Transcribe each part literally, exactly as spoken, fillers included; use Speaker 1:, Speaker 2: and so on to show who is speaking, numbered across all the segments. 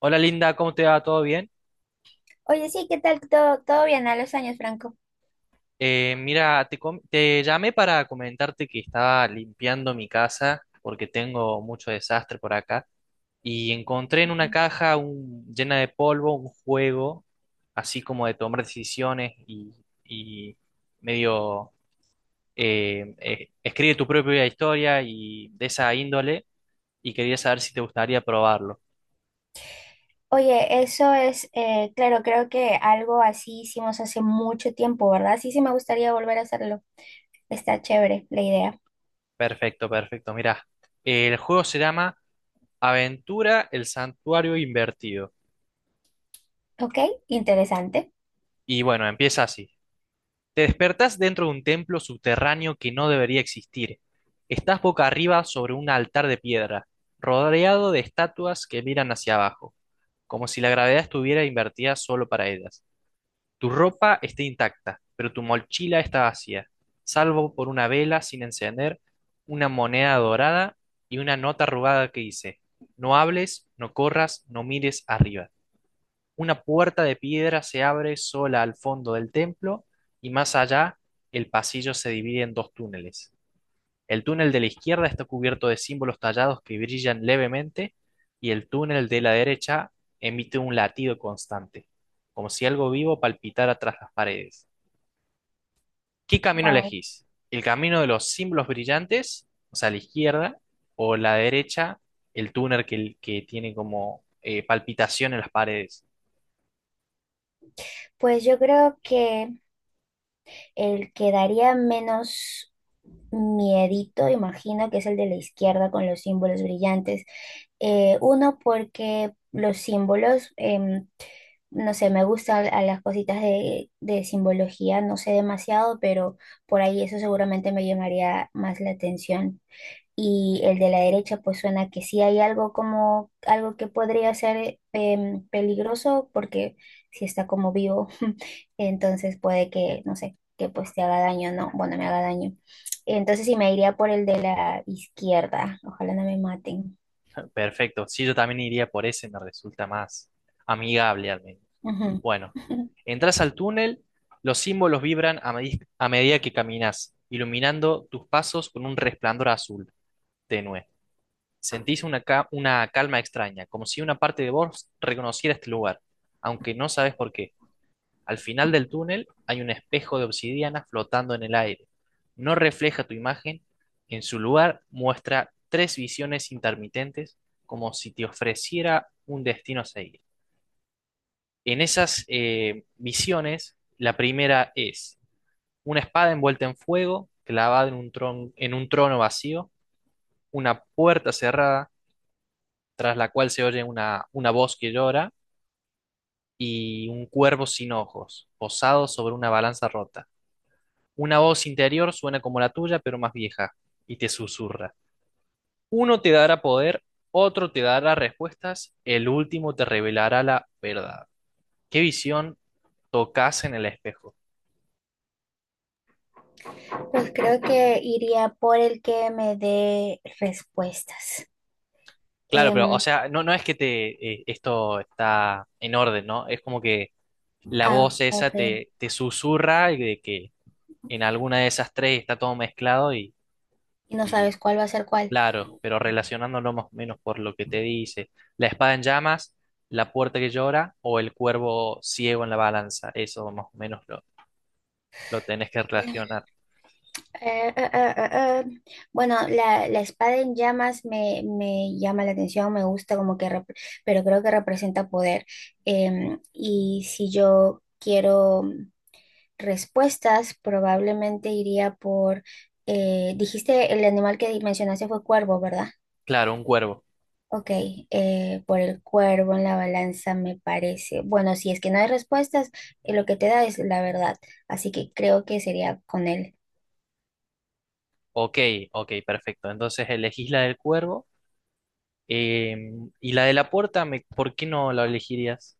Speaker 1: Hola Linda, ¿cómo te va? ¿Todo bien?
Speaker 2: Oye, sí, ¿qué tal? Todo, todo bien a los años, Franco.
Speaker 1: Eh, mira, te, com- te llamé para comentarte que estaba limpiando mi casa porque tengo mucho desastre por acá y encontré en una
Speaker 2: Ujú.
Speaker 1: caja un- llena de polvo un juego así como de tomar decisiones y, y medio eh, eh, escribe tu propia historia y de esa índole y quería saber si te gustaría probarlo.
Speaker 2: Oye, eso es, eh, claro, creo que algo así hicimos hace mucho tiempo, ¿verdad? Sí, sí, me gustaría volver a hacerlo. Está chévere la idea.
Speaker 1: Perfecto, perfecto. Mira, el juego se llama Aventura, el santuario invertido.
Speaker 2: Ok, interesante.
Speaker 1: Y bueno, empieza así. Te despertás dentro de un templo subterráneo que no debería existir. Estás boca arriba sobre un altar de piedra, rodeado de estatuas que miran hacia abajo, como si la gravedad estuviera invertida solo para ellas. Tu ropa está intacta, pero tu mochila está vacía, salvo por una vela sin encender, una moneda dorada y una nota arrugada que dice, no hables, no corras, no mires arriba. Una puerta de piedra se abre sola al fondo del templo y más allá el pasillo se divide en dos túneles. El túnel de la izquierda está cubierto de símbolos tallados que brillan levemente y el túnel de la derecha emite un latido constante, como si algo vivo palpitara tras las paredes. ¿Qué camino
Speaker 2: Wow.
Speaker 1: elegís? ¿El camino de los símbolos brillantes, o sea, la izquierda, o la derecha, el túnel que, que tiene como eh, palpitación en las paredes?
Speaker 2: Pues yo creo que el que daría menos miedito, imagino que es el de la izquierda con los símbolos brillantes. Eh, uno, porque los símbolos, em no sé, me gustan a las cositas de, de simbología, no sé demasiado, pero por ahí eso seguramente me llamaría más la atención. Y el de la derecha, pues suena que sí hay algo como algo que podría ser eh, peligroso, porque si está como vivo, entonces puede que, no sé, que pues te haga daño, no, bueno, me haga daño. Entonces sí me iría por el de la izquierda, ojalá no me maten.
Speaker 1: Perfecto, sí, yo también iría por ese, me resulta más amigable al menos.
Speaker 2: Ujú.
Speaker 1: Bueno, entras al túnel, los símbolos vibran a, medi- a medida que caminas, iluminando tus pasos con un resplandor azul tenue. Sentís una, ca- una calma extraña, como si una parte de vos reconociera este lugar, aunque no sabes por qué. Al final del túnel hay un espejo de obsidiana flotando en el aire. No refleja tu imagen, en su lugar muestra tres visiones intermitentes como si te ofreciera un destino a seguir. En esas eh, visiones, la primera es una espada envuelta en fuego, clavada en un tron- en un trono vacío, una puerta cerrada, tras la cual se oye una, una voz que llora, y un cuervo sin ojos, posado sobre una balanza rota. Una voz interior suena como la tuya, pero más vieja, y te susurra. Uno te dará poder, otro te dará respuestas, el último te revelará la verdad. ¿Qué visión tocas en el espejo?
Speaker 2: Pues creo que iría por el que me dé respuestas.
Speaker 1: Claro, pero, o
Speaker 2: Em,
Speaker 1: sea, no, no es que te, eh, esto está en orden, ¿no? Es como que la
Speaker 2: ah,
Speaker 1: voz esa
Speaker 2: ok.
Speaker 1: te, te susurra y de que en alguna de esas tres está todo mezclado y,
Speaker 2: Y no sabes cuál va a ser cuál.
Speaker 1: claro, pero relacionándolo más o menos por lo que te dice, la espada en llamas, la puerta que llora o el cuervo ciego en la balanza, eso más o menos lo, lo tenés que
Speaker 2: Eh,
Speaker 1: relacionar.
Speaker 2: eh, eh, eh, eh. Bueno, la, la espada en llamas me, me llama la atención, me gusta como que, rep- pero creo que representa poder. Em, y si yo quiero respuestas, probablemente iría por, eh, dijiste el animal que mencionaste fue cuervo, ¿verdad?
Speaker 1: Claro, un cuervo.
Speaker 2: Ok, eh, por el cuervo en la balanza me parece. Bueno, si es que no hay respuestas, eh, lo que te da es la verdad. Así que creo que sería con él.
Speaker 1: Ok, ok, perfecto. Entonces elegís la del cuervo, eh, y la de la puerta, me- ¿por qué no la elegirías?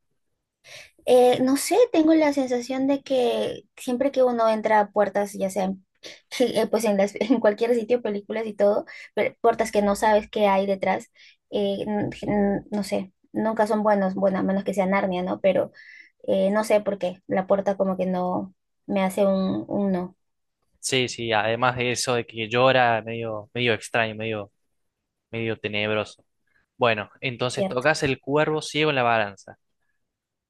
Speaker 2: Eh, no sé, tengo la sensación de que siempre que uno entra a puertas, ya sea en- eh, pues en las, en cualquier sitio, películas y todo, pero puertas que no sabes qué hay detrás, eh, n- n- no sé, nunca son buenos, bueno, a menos que sea Narnia, ¿no? Pero eh, no sé por qué, la puerta como que no me hace un, un no,
Speaker 1: Sí, sí, además de eso de que llora, medio, medio extraño, medio, medio tenebroso. Bueno, entonces
Speaker 2: ¿cierto?
Speaker 1: tocas el cuervo ciego en la balanza.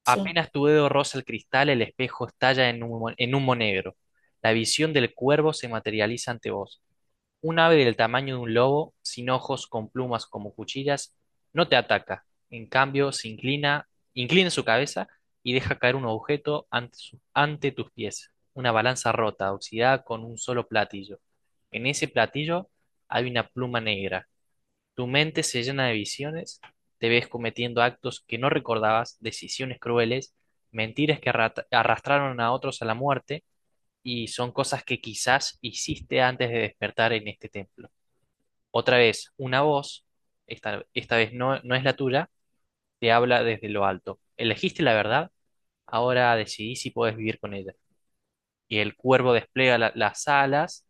Speaker 2: Sí.
Speaker 1: Apenas tu dedo roza el cristal, el espejo estalla en humo, en humo negro. La visión del cuervo se materializa ante vos. Un ave del tamaño de un lobo, sin ojos, con plumas como cuchillas, no te ataca. En cambio, se inclina, inclina su cabeza y deja caer un objeto ante, su- ante tus pies. Una balanza rota, oxidada con un solo platillo. En ese platillo hay una pluma negra. Tu mente se llena de visiones, te ves cometiendo actos que no recordabas, decisiones crueles, mentiras que arrat- arrastraron a otros a la muerte y son cosas que quizás hiciste antes de despertar en este templo. Otra vez, una voz, esta, esta vez no, no es la tuya, te habla desde lo alto. Elegiste la verdad, ahora decidí si puedes vivir con ella. Y el cuervo despliega la- las alas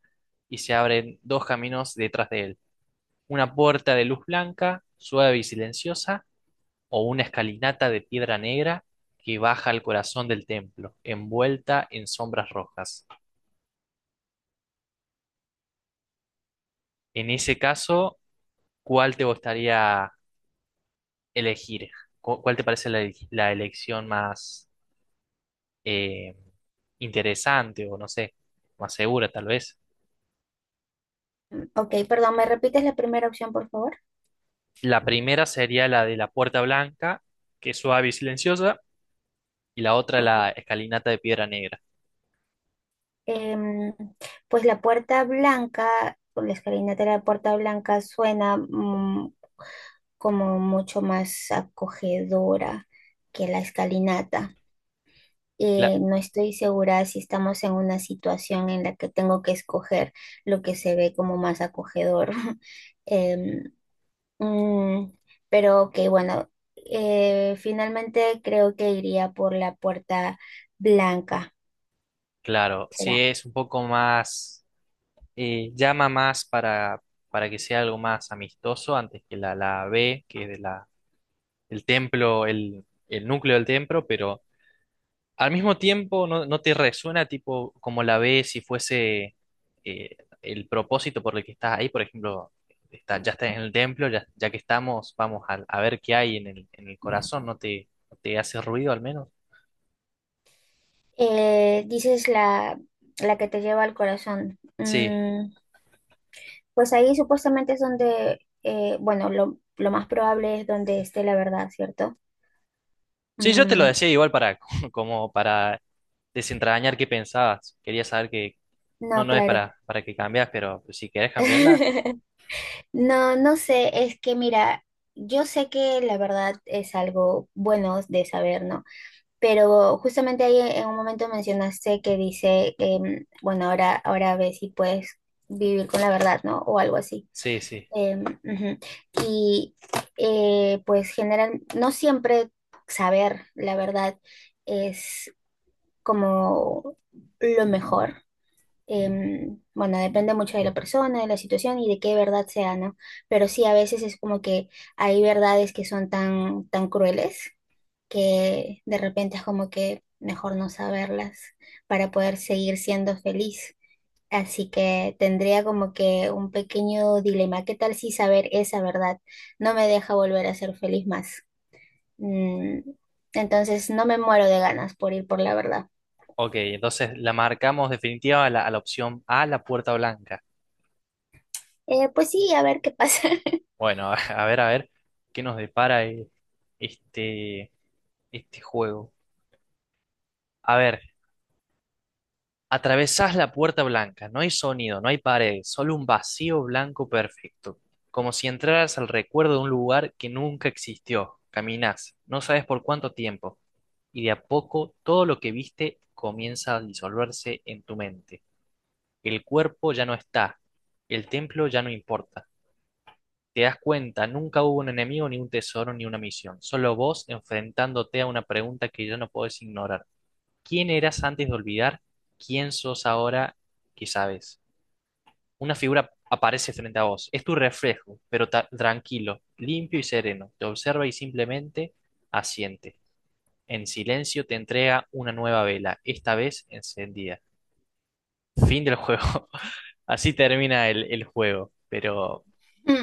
Speaker 1: y se abren dos caminos detrás de él. Una puerta de luz blanca, suave y silenciosa o una escalinata de piedra negra que baja al corazón del templo, envuelta en sombras rojas. En ese caso, ¿cuál te gustaría elegir? ¿Cu- ¿Cuál te parece la, ele- la elección más eh, interesante o no sé, más segura tal vez?
Speaker 2: Ok, perdón, ¿me repites la primera opción, por favor?
Speaker 1: La primera sería la de la puerta blanca, que es suave y silenciosa, y la otra la
Speaker 2: Ok.
Speaker 1: escalinata de piedra negra.
Speaker 2: Em, pues la puerta blanca, o la escalinata de la puerta blanca suena mm, como mucho más acogedora que la escalinata.
Speaker 1: Cla-
Speaker 2: Eh, no estoy segura si estamos en una situación en la que tengo que escoger lo que se ve como más acogedor. Em, mm, pero ok, bueno, eh, finalmente creo que iría por la puerta blanca.
Speaker 1: claro, sí
Speaker 2: Será.
Speaker 1: es un poco más eh, llama más para, para que sea algo más amistoso antes que la, la B, que es de la, el templo, el, el núcleo del templo, pero al mismo tiempo no, no te resuena tipo como la B si fuese eh, el propósito por el que estás ahí, por ejemplo, está, ya estás en el templo, ya, ya que estamos, vamos a, a ver qué hay en el, en el corazón, ¿no te, no te hace ruido al menos?
Speaker 2: Eh, dices la, la que te lleva al corazón.
Speaker 1: Sí.
Speaker 2: Mm, pues ahí supuestamente es donde, eh, bueno, lo, lo más probable es donde esté la verdad, ¿cierto?
Speaker 1: Sí, yo te lo
Speaker 2: Mm,
Speaker 1: decía igual para como para desentrañar qué pensabas. Quería saber qué, no,
Speaker 2: no,
Speaker 1: no es
Speaker 2: claro.
Speaker 1: para, para que cambias, pero si querés cambiarla,
Speaker 2: No, no sé, es que mira, yo sé que la verdad es algo bueno de saber, ¿no? Pero justamente ahí en un momento mencionaste que dice, em, bueno, ahora, ahora ves si puedes vivir con la verdad, ¿no? O algo así.
Speaker 1: sí, sí.
Speaker 2: Em, ujú. Y eh, pues general, no siempre saber la verdad es como lo mejor. Em, bueno, depende mucho de la persona, de la situación y de qué verdad sea, ¿no? Pero sí, a veces es como que hay verdades que son tan, tan crueles que de repente es como que mejor no saberlas para poder seguir siendo feliz. Así que tendría como que un pequeño dilema. ¿Qué tal si saber esa verdad no me deja volver a ser feliz más? Mm, entonces no me muero de ganas por ir por la verdad.
Speaker 1: Ok, entonces la marcamos definitiva a la, a la opción A, la puerta blanca.
Speaker 2: Eh, pues sí, a ver qué pasa.
Speaker 1: Bueno, a ver, a ver, ¿qué nos depara eh, este, este juego? A ver, atravesás la puerta blanca, no hay sonido, no hay pared, solo un vacío blanco perfecto, como si entraras al recuerdo de un lugar que nunca existió. Caminás, no sabes por cuánto tiempo, y de a poco todo lo que viste comienza a disolverse en tu mente. El cuerpo ya no está, el templo ya no importa. Te das cuenta, nunca hubo un enemigo, ni un tesoro, ni una misión. Solo vos enfrentándote a una pregunta que ya no podés ignorar. ¿Quién eras antes de olvidar? ¿Quién sos ahora que sabes? Una figura aparece frente a vos. Es tu reflejo, pero ta- tranquilo, limpio y sereno. Te observa y simplemente asiente. En silencio te entrega una nueva vela, esta vez encendida. Fin del juego. Así termina el, el juego. Pero,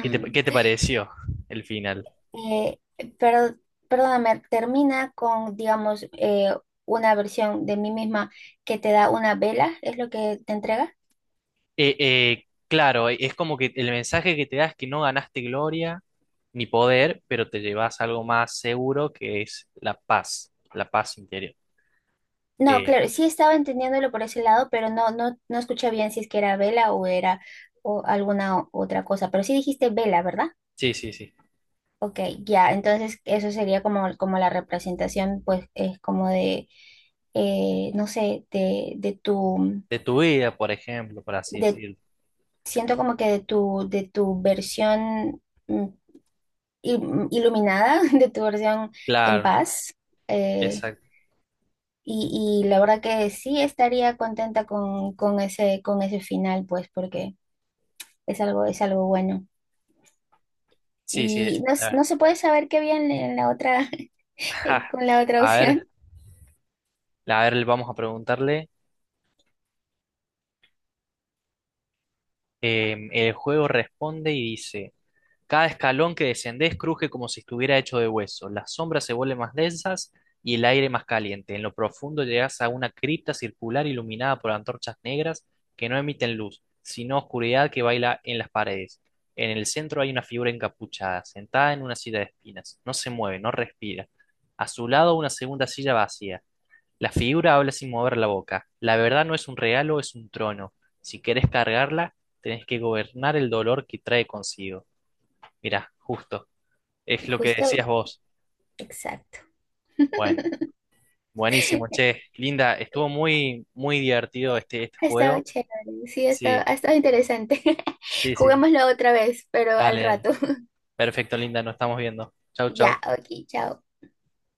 Speaker 1: ¿qué te, qué te pareció el final?
Speaker 2: eh, pero, perdóname, termina con, digamos, eh, una versión de mí misma que te da una vela, ¿es lo que te entrega?
Speaker 1: Eh, eh, claro, es como que el mensaje que te da es que no ganaste gloria ni poder, pero te llevas algo más seguro que es la paz, la paz interior.
Speaker 2: No,
Speaker 1: Eh,
Speaker 2: claro, sí estaba entendiéndolo por ese lado, pero no, no, no escuché bien si es que era vela o era o alguna o- otra cosa. Pero sí dijiste vela, ¿verdad?
Speaker 1: sí, sí, sí.
Speaker 2: Ok, ya, entonces eso sería como, como la representación, pues, es como de, eh, no sé, de, de tu,
Speaker 1: De tu vida, por ejemplo, por así
Speaker 2: de,
Speaker 1: decirlo.
Speaker 2: siento como que de tu, de tu versión mm, il- iluminada, de tu versión en
Speaker 1: Claro,
Speaker 2: paz. eh,
Speaker 1: exacto.
Speaker 2: Y, y la verdad que sí estaría contenta con, con ese, con ese final, pues, porque es algo, es algo bueno.
Speaker 1: Sí, sí.
Speaker 2: Y no, s-
Speaker 1: la-
Speaker 2: no se puede saber qué había en en la otra, eh, con la otra
Speaker 1: A ver,
Speaker 2: opción.
Speaker 1: a ver, vamos a preguntarle. Eh, el juego responde y dice. Cada escalón que descendés cruje como si estuviera hecho de hueso. Las sombras se vuelven más densas y el aire más caliente. En lo profundo llegás a una cripta circular iluminada por antorchas negras que no emiten luz, sino oscuridad que baila en las paredes. En el centro hay una figura encapuchada, sentada en una silla de espinas. No se mueve, no respira. A su lado una segunda silla vacía. La figura habla sin mover la boca. La verdad no es un regalo, es un trono. Si querés cargarla, tenés que gobernar el dolor que trae consigo. Mira, justo. Es lo que
Speaker 2: Justo,
Speaker 1: decías vos.
Speaker 2: exacto.
Speaker 1: Bueno, buenísimo, che. Linda, estuvo muy, muy divertido este, este
Speaker 2: Ha estado
Speaker 1: juego.
Speaker 2: chévere, sí, ha estado,
Speaker 1: Sí,
Speaker 2: ha estado interesante.
Speaker 1: sí, sí.
Speaker 2: Juguémoslo otra vez, pero al
Speaker 1: Dale, dale.
Speaker 2: rato.
Speaker 1: Perfecto, Linda, nos estamos viendo. Chau, chau.
Speaker 2: Ya, ok, chao.